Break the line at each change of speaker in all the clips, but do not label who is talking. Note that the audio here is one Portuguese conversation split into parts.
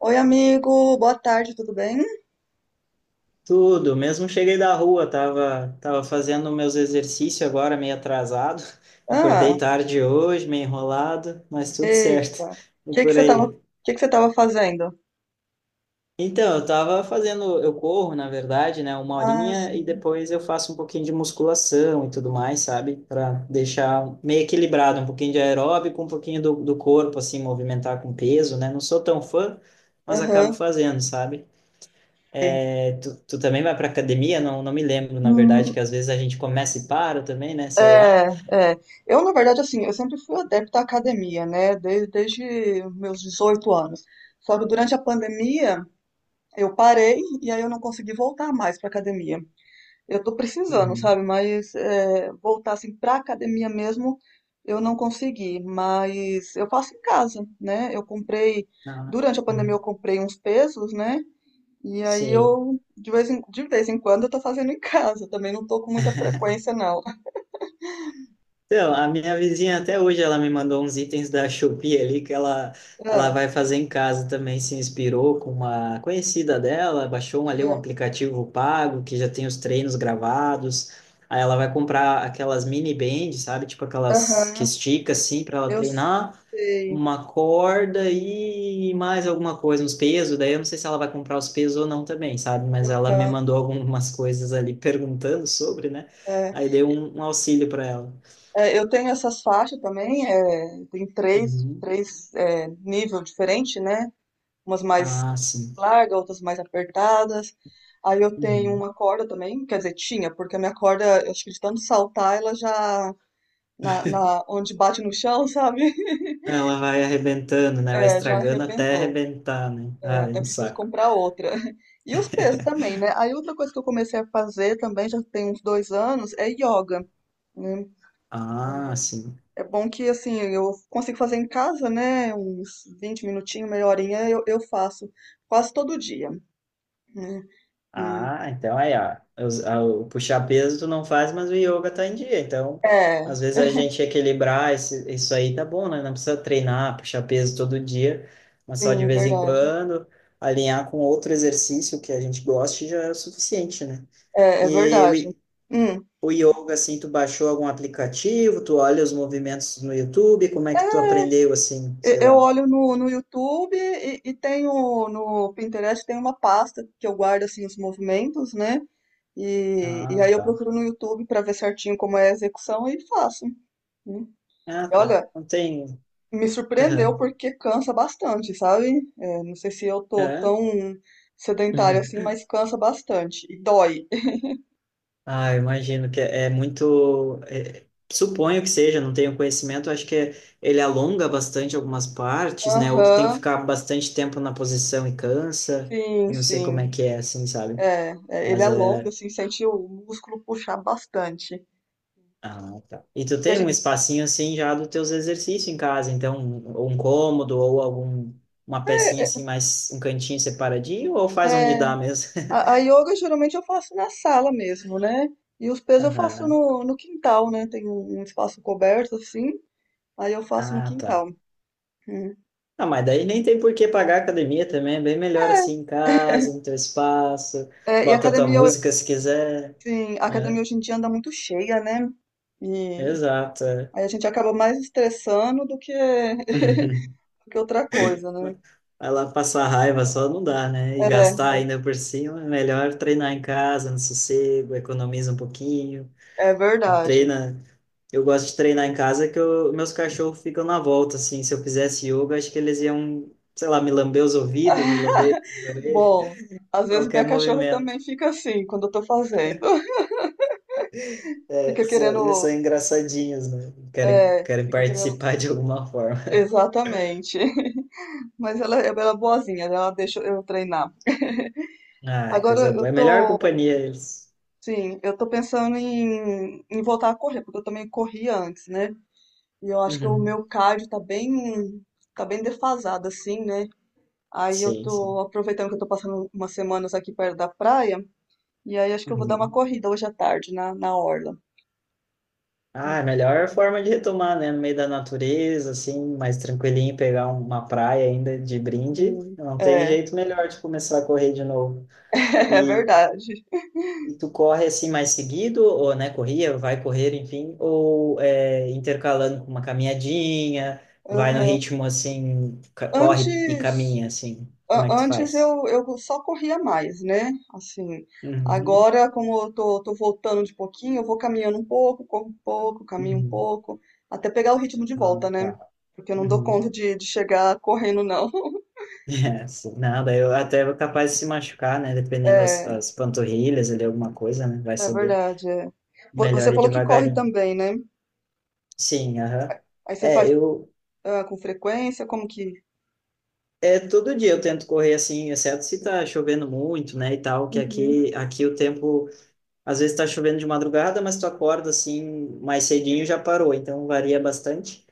Oi, amigo, boa tarde, tudo bem?
Tudo, mesmo cheguei da rua, tava fazendo meus exercícios agora, meio atrasado. Acordei
Ah,
tarde hoje, meio enrolado, mas tudo certo.
eita. O
E
que
por aí.
que você tava fazendo?
Então, eu tava fazendo, eu corro, na verdade, né, uma
Ah,
horinha e
sim.
depois eu faço um pouquinho de musculação e tudo mais, sabe? Para deixar meio equilibrado, um pouquinho de aeróbico, um pouquinho do corpo, assim, movimentar com peso, né? Não sou tão fã, mas acabo
Aham.
fazendo, sabe?
Sei.
É, tu também vai para academia? Não, não me lembro, na verdade,
Hum,
que às vezes a gente começa e para também, né? Sei lá.
é, é. Eu, na verdade, assim, eu sempre fui adepta à academia, né? Desde meus 18 anos. Só que durante a pandemia eu parei e aí eu não consegui voltar mais para academia. Eu tô precisando,
Uhum.
sabe? Mas é, voltar assim pra academia mesmo, eu não consegui. Mas eu faço em casa, né? Eu comprei,
Não, né?
durante a pandemia
Uhum.
eu comprei uns pesos, né? E aí
Sim.
eu, de vez em quando, eu tô fazendo em casa. Também não tô com muita frequência, não.
Então, a minha vizinha até hoje ela me mandou uns itens da Shopee ali que ela
Ah,
vai fazer em casa também, se inspirou com uma conhecida dela, baixou um, ali um
aham,
aplicativo pago que já tem os treinos gravados. Aí ela vai comprar aquelas mini bands, sabe? Tipo aquelas que
aham,
estica assim para ela
eu
treinar,
sei.
uma corda e mais alguma coisa, uns pesos. Daí eu não sei se ela vai comprar os pesos ou não também, sabe? Mas ela me
Aham,
mandou algumas coisas ali perguntando sobre, né?
é.
Aí dei um auxílio para ela.
É, eu tenho essas faixas também, é, tem três,
Uhum.
três é, nível diferente, né? Umas mais
Ah, sim.
larga, outras mais apertadas. Aí eu tenho
Uhum.
uma corda também, quer dizer, tinha, porque a minha corda, eu acho que de tanto saltar, ela já, na, na- onde bate no chão, sabe?
Ela vai arrebentando, né? Vai
É, já
estragando até
arrebentou.
arrebentar, né?
É,
Ah, é
até
um
preciso
saco.
comprar outra. E os pesos também, né? Aí outra coisa que eu comecei a fazer também, já tem uns dois anos, é yoga, né?
Ah, sim.
É bom que, assim, eu consigo fazer em casa, né? Uns 20 minutinhos, meia horinha, eu faço quase todo dia, né?
Ah, então aí, ó, o puxar peso tu não faz, mas o yoga tá em dia. Então,
É,
às vezes a gente equilibrar esse, isso aí tá bom, né? Não precisa treinar, puxar peso todo dia, mas só de
sim,
vez em
verdade.
quando, alinhar com outro exercício que a gente goste já é o suficiente, né?
É, é
E o,
verdade.
i-
Hum.
o yoga, assim, tu baixou algum aplicativo, tu olha os movimentos no YouTube, como é que tu aprendeu, assim, sei
Eu
lá.
olho no, no YouTube e tenho no Pinterest tem uma pasta que eu guardo assim os movimentos, né? E
Ah,
aí eu
tá.
procuro no YouTube para ver certinho como é a execução e faço. Né?
Ah, tá.
Olha,
Não tem.
me surpreendeu
Aham.
porque cansa bastante, sabe? É, não sei se eu tô
Hã?
tão sedentária assim, mas cansa bastante e dói.
Ah, eu imagino que é muito. Suponho que seja, não tenho conhecimento, acho que ele alonga bastante algumas partes, né? Outro tem que
Aham,
ficar bastante tempo na posição e cansa.
sim,
Eu não sei como é
sim.
que é, assim, sabe?
É, é, ele
Mas
é longo,
é.
assim, sente o músculo puxar bastante.
Ah, tá. E tu
E a
tem um
gen-
espacinho assim já dos teus exercícios em casa, então, um cômodo ou algum uma pecinha assim, mais um cantinho separadinho, ou faz onde
É,
dá mesmo?
a yoga geralmente eu faço na sala mesmo, né? E os pesos eu faço
Aham.
no, no quintal, né? Tem um, um espaço coberto assim, aí eu faço no
Ah, tá.
quintal. Hum.
Ah, mas daí nem tem por que pagar a academia também, é bem melhor assim em casa, no teu espaço,
É, é, e a
bota tua
academia, ho-
música se quiser,
sim, a academia
né?
hoje em dia anda muito cheia, né? E
Exato, é.
aí a gente acaba mais estressando do que, do que outra coisa, né?
Vai lá passar raiva só não dá, né? E
É,
gastar ainda por cima, é melhor treinar em casa, no sossego, economiza um pouquinho,
é verdade.
treina. Eu gosto de treinar em casa que meus cachorros ficam na volta, assim, se eu fizesse yoga, acho que eles iam, sei lá, me lamber os ouvidos, me lamber as orelhas,
Bom, às vezes
qualquer
minha cachorra também
movimento.
fica assim quando eu tô fazendo.
É,
Fica
eles são
querendo,
engraçadinhos, né? Querem,
é,
querem
fica querendo,
participar de alguma forma.
exatamente. Mas ela é boazinha, né? Ela deixa eu treinar.
Ah, é
Agora
coisa
eu
boa. É a melhor
tô,
companhia eles.
sim, eu tô pensando em, em voltar a correr, porque eu também corria antes, né? E eu acho que o
Uhum.
meu cardio tá bem defasado, assim, né? Aí eu
Sim,
tô
sim.
aproveitando que eu tô passando umas semanas aqui perto da praia, e aí acho que eu vou dar uma
Uhum.
corrida hoje à tarde na, na orla.
Ah, é a melhor forma de retomar, né? No meio da natureza, assim, mais tranquilinho, pegar uma praia ainda de brinde.
Sim,
Não tem
é,
jeito melhor de começar a correr de novo.
é verdade.
E tu corre assim mais seguido, ou né, corria, vai correr, enfim, ou é, intercalando com uma caminhadinha, vai no
Aham.
ritmo assim, corre e
Antes,
caminha, assim, como é que tu
antes
faz?
eu só corria mais, né? Assim,
Uhum,
agora, como eu tô, tô voltando de pouquinho, eu vou caminhando um pouco, corro um pouco, caminho um
uhum.
pouco, até pegar o ritmo de
Ah,
volta, né?
tá.
Porque eu não dou conta
Uhum.
de chegar correndo, não.
É, sim. Não, eu até vou capaz de se machucar, né, dependendo das,
É,
das panturrilhas ali, alguma coisa, né, vai
é
saber.
verdade, é.
Melhor
Você
ir
falou que corre
devagarinho.
também, né?
Sim, aham.
Aí você
É,
faz
eu,
ah, com frequência, como que.
É, todo dia eu tento correr assim, exceto se tá chovendo muito, né, e tal, que
Uhum,
aqui o tempo, às vezes tá chovendo de madrugada, mas tu acorda assim, mais cedinho já parou, então varia bastante.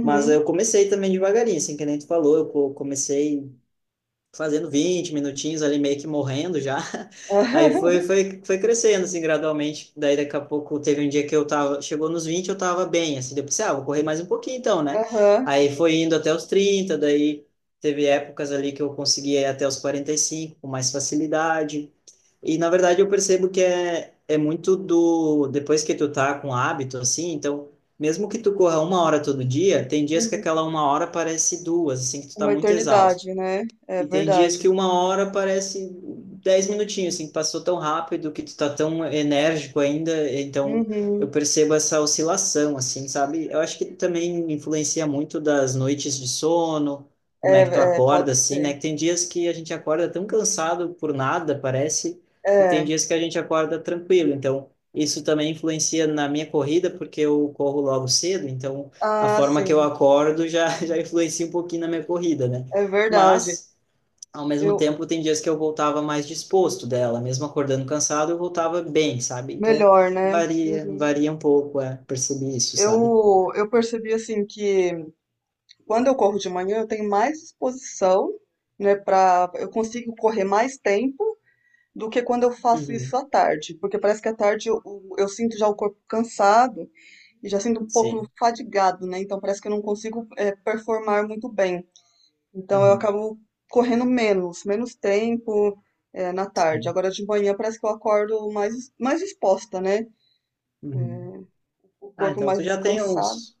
Mas eu comecei também devagarinho, assim, que nem tu falou, eu comecei fazendo 20 minutinhos ali, meio que morrendo já. Aí foi, foi, foi crescendo, assim, gradualmente. Daí daqui a pouco teve um dia que eu tava, chegou nos 20 eu tava bem, assim, depois, ah, vou correr mais um pouquinho então, né?
Aham,
Aí foi indo até os 30, daí teve épocas ali que eu conseguia ir até os 45 com mais facilidade. E na verdade eu percebo que é muito depois que tu tá com hábito, assim, então. Mesmo que tu corra uma hora todo dia, tem dias que
uhum.
aquela uma hora parece duas, assim, que tu tá
Uma
muito exausto.
eternidade, né? É
E tem dias
verdade.
que uma hora parece 10 minutinhos, assim, passou tão rápido que tu tá tão enérgico ainda, então eu
Uhum.
percebo essa oscilação, assim, sabe? Eu acho que também influencia muito das noites de sono, como é que tu
É, é, pode
acorda, assim, né?
ser.
Que tem dias que a gente acorda tão cansado por nada, parece, e tem
É.
dias que a gente acorda tranquilo, então isso também influencia na minha corrida, porque eu corro logo cedo, então a
Ah,
forma que eu
sim,
acordo já, já influencia um pouquinho na minha corrida, né?
é verdade.
Mas ao mesmo
Eu,
tempo, tem dias que eu voltava mais disposto dela, mesmo acordando cansado, eu voltava bem, sabe? Então,
melhor, né?
varia,
Uhum.
varia um pouco, é, percebi isso, sabe?
Eu percebi assim que quando eu corro de manhã eu tenho mais disposição, né, para eu consigo correr mais tempo do que quando eu faço isso
Uhum.
à tarde, porque parece que à tarde eu sinto já o corpo cansado e já sinto um pouco
Sim.
fadigado, né? Então parece que eu não consigo eh, performar muito bem. Então eu
Uhum.
acabo correndo menos, menos tempo é, na tarde.
Sim.
Agora de manhã parece que eu acordo mais, mais disposta, né? É,
Uhum.
o
Ah,
corpo
então
mais
tu já tem
descansado.
uns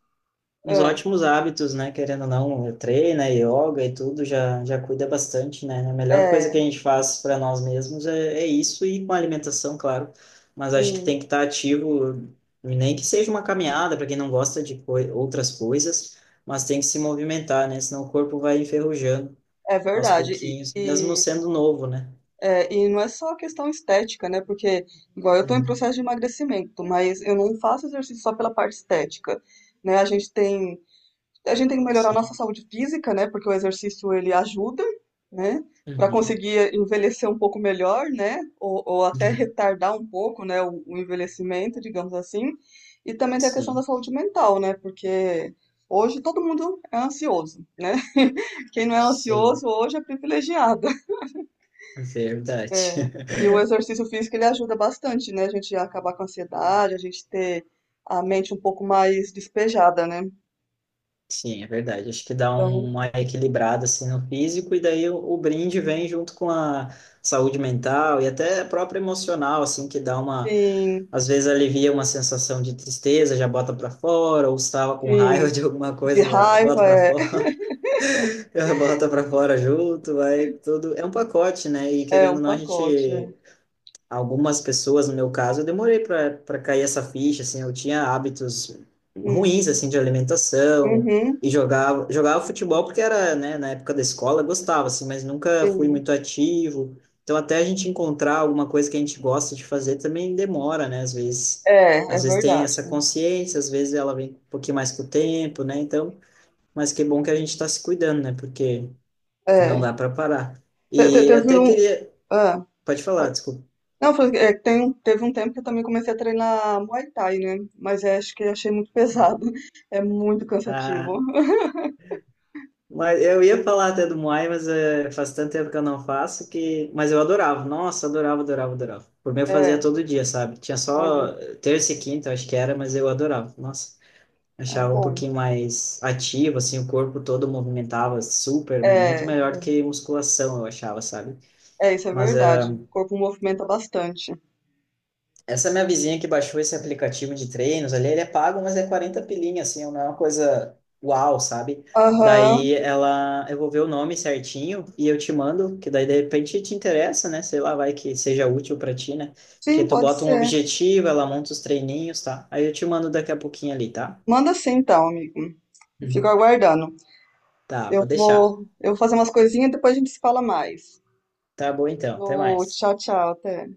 uns
É,
ótimos hábitos, né? Querendo ou não, treina, yoga e tudo, já cuida bastante, né? A melhor coisa que a
é,
gente faz para nós mesmos é isso e com a alimentação, claro. Mas acho que
sim,
tem que estar ativo, nem que seja uma caminhada, para quem não gosta de outras coisas, mas tem que se movimentar, né? Senão o corpo vai enferrujando
é
aos
verdade.
pouquinhos, mesmo sendo novo, né?
É, e não é só a questão estética, né? Porque, igual eu tô em
Uhum.
processo de emagrecimento, mas eu não faço exercício só pela parte estética, né? A gente tem que melhorar a nossa
Sim.
saúde física, né? Porque o exercício ele ajuda, né? Para
Uhum.
conseguir envelhecer um pouco melhor, né? Ou até retardar um pouco, né? o envelhecimento, digamos assim. E também tem a questão da
Sim.
saúde mental, né? Porque hoje todo mundo é ansioso, né? Quem não é
Sim.
ansioso hoje é privilegiado. É,
Verdade.
E o exercício físico ele ajuda bastante, né? A gente acabar com a ansiedade, a gente ter a mente um pouco mais despejada, né?
Sim, é verdade. Acho que dá
Então,
uma equilibrada assim no físico e daí o brinde vem junto com a saúde mental e até a própria emocional, assim, que dá uma
sim,
às vezes alivia uma sensação de tristeza, já bota para fora, ou estava com raiva
sim.
de alguma
De
coisa, já bota
raiva
para
é,
fora, já bota para fora junto, vai tudo. É um pacote, né? E
é
querendo
um
ou não, a
pacote.
gente
É.
algumas pessoas, no meu caso, eu demorei para cair essa ficha, assim, eu tinha hábitos
Hum,
ruins, assim, de alimentação
uhum,
e jogava futebol porque era, né, na época da escola, eu gostava assim, mas nunca fui
sim.
muito ativo. Então até a gente encontrar alguma coisa que a gente gosta de fazer também demora, né, às vezes.
É, é
Às vezes tem
verdade.
essa consciência, às vezes ela vem um pouquinho mais com o tempo, né? Então, mas que bom que a gente está se cuidando, né? Porque não
É.
dá para parar.
É, Te- te-
E
teve
até
um.
queria,
Ah,
pode falar,
pode-
desculpa.
não, foi, é, tem, teve um tempo que eu também comecei a treinar Muay Thai, né? Mas é, acho que eu achei muito pesado.
Uhum.
É muito cansativo.
Ah, mas eu ia falar até do Muay, mas faz tanto tempo que eu não faço que. Mas eu adorava, nossa, adorava, adorava, adorava. Por mim eu fazia
É,
todo dia, sabe? Tinha
olha,
só terça e quinta, eu acho que era, mas eu adorava, nossa.
é
Achava um
bom.
pouquinho mais ativo, assim, o corpo todo movimentava super, muito
É,
melhor do que musculação, eu achava, sabe?
é, isso é
Mas eh,
verdade. O corpo movimenta bastante.
Essa minha vizinha que baixou esse aplicativo de treinos ali, ele é pago, mas é 40 pilinha, assim, não é uma coisa uau, sabe?
Aham,
Daí ela, eu vou ver o nome certinho e eu te mando, que daí de repente te interessa, né? Sei lá, vai que seja útil para ti, né? Que
sim,
tu
pode
bota um
ser.
objetivo, ela monta os treininhos, tá? Aí eu te mando daqui a pouquinho ali, tá?
Manda sim, então, amigo. Eu fico
Hum.
aguardando.
Tá, vou deixar.
Eu vou fazer umas coisinhas e depois a gente se fala mais.
Tá bom então, até
Ô,
mais.
tchau, tchau, até.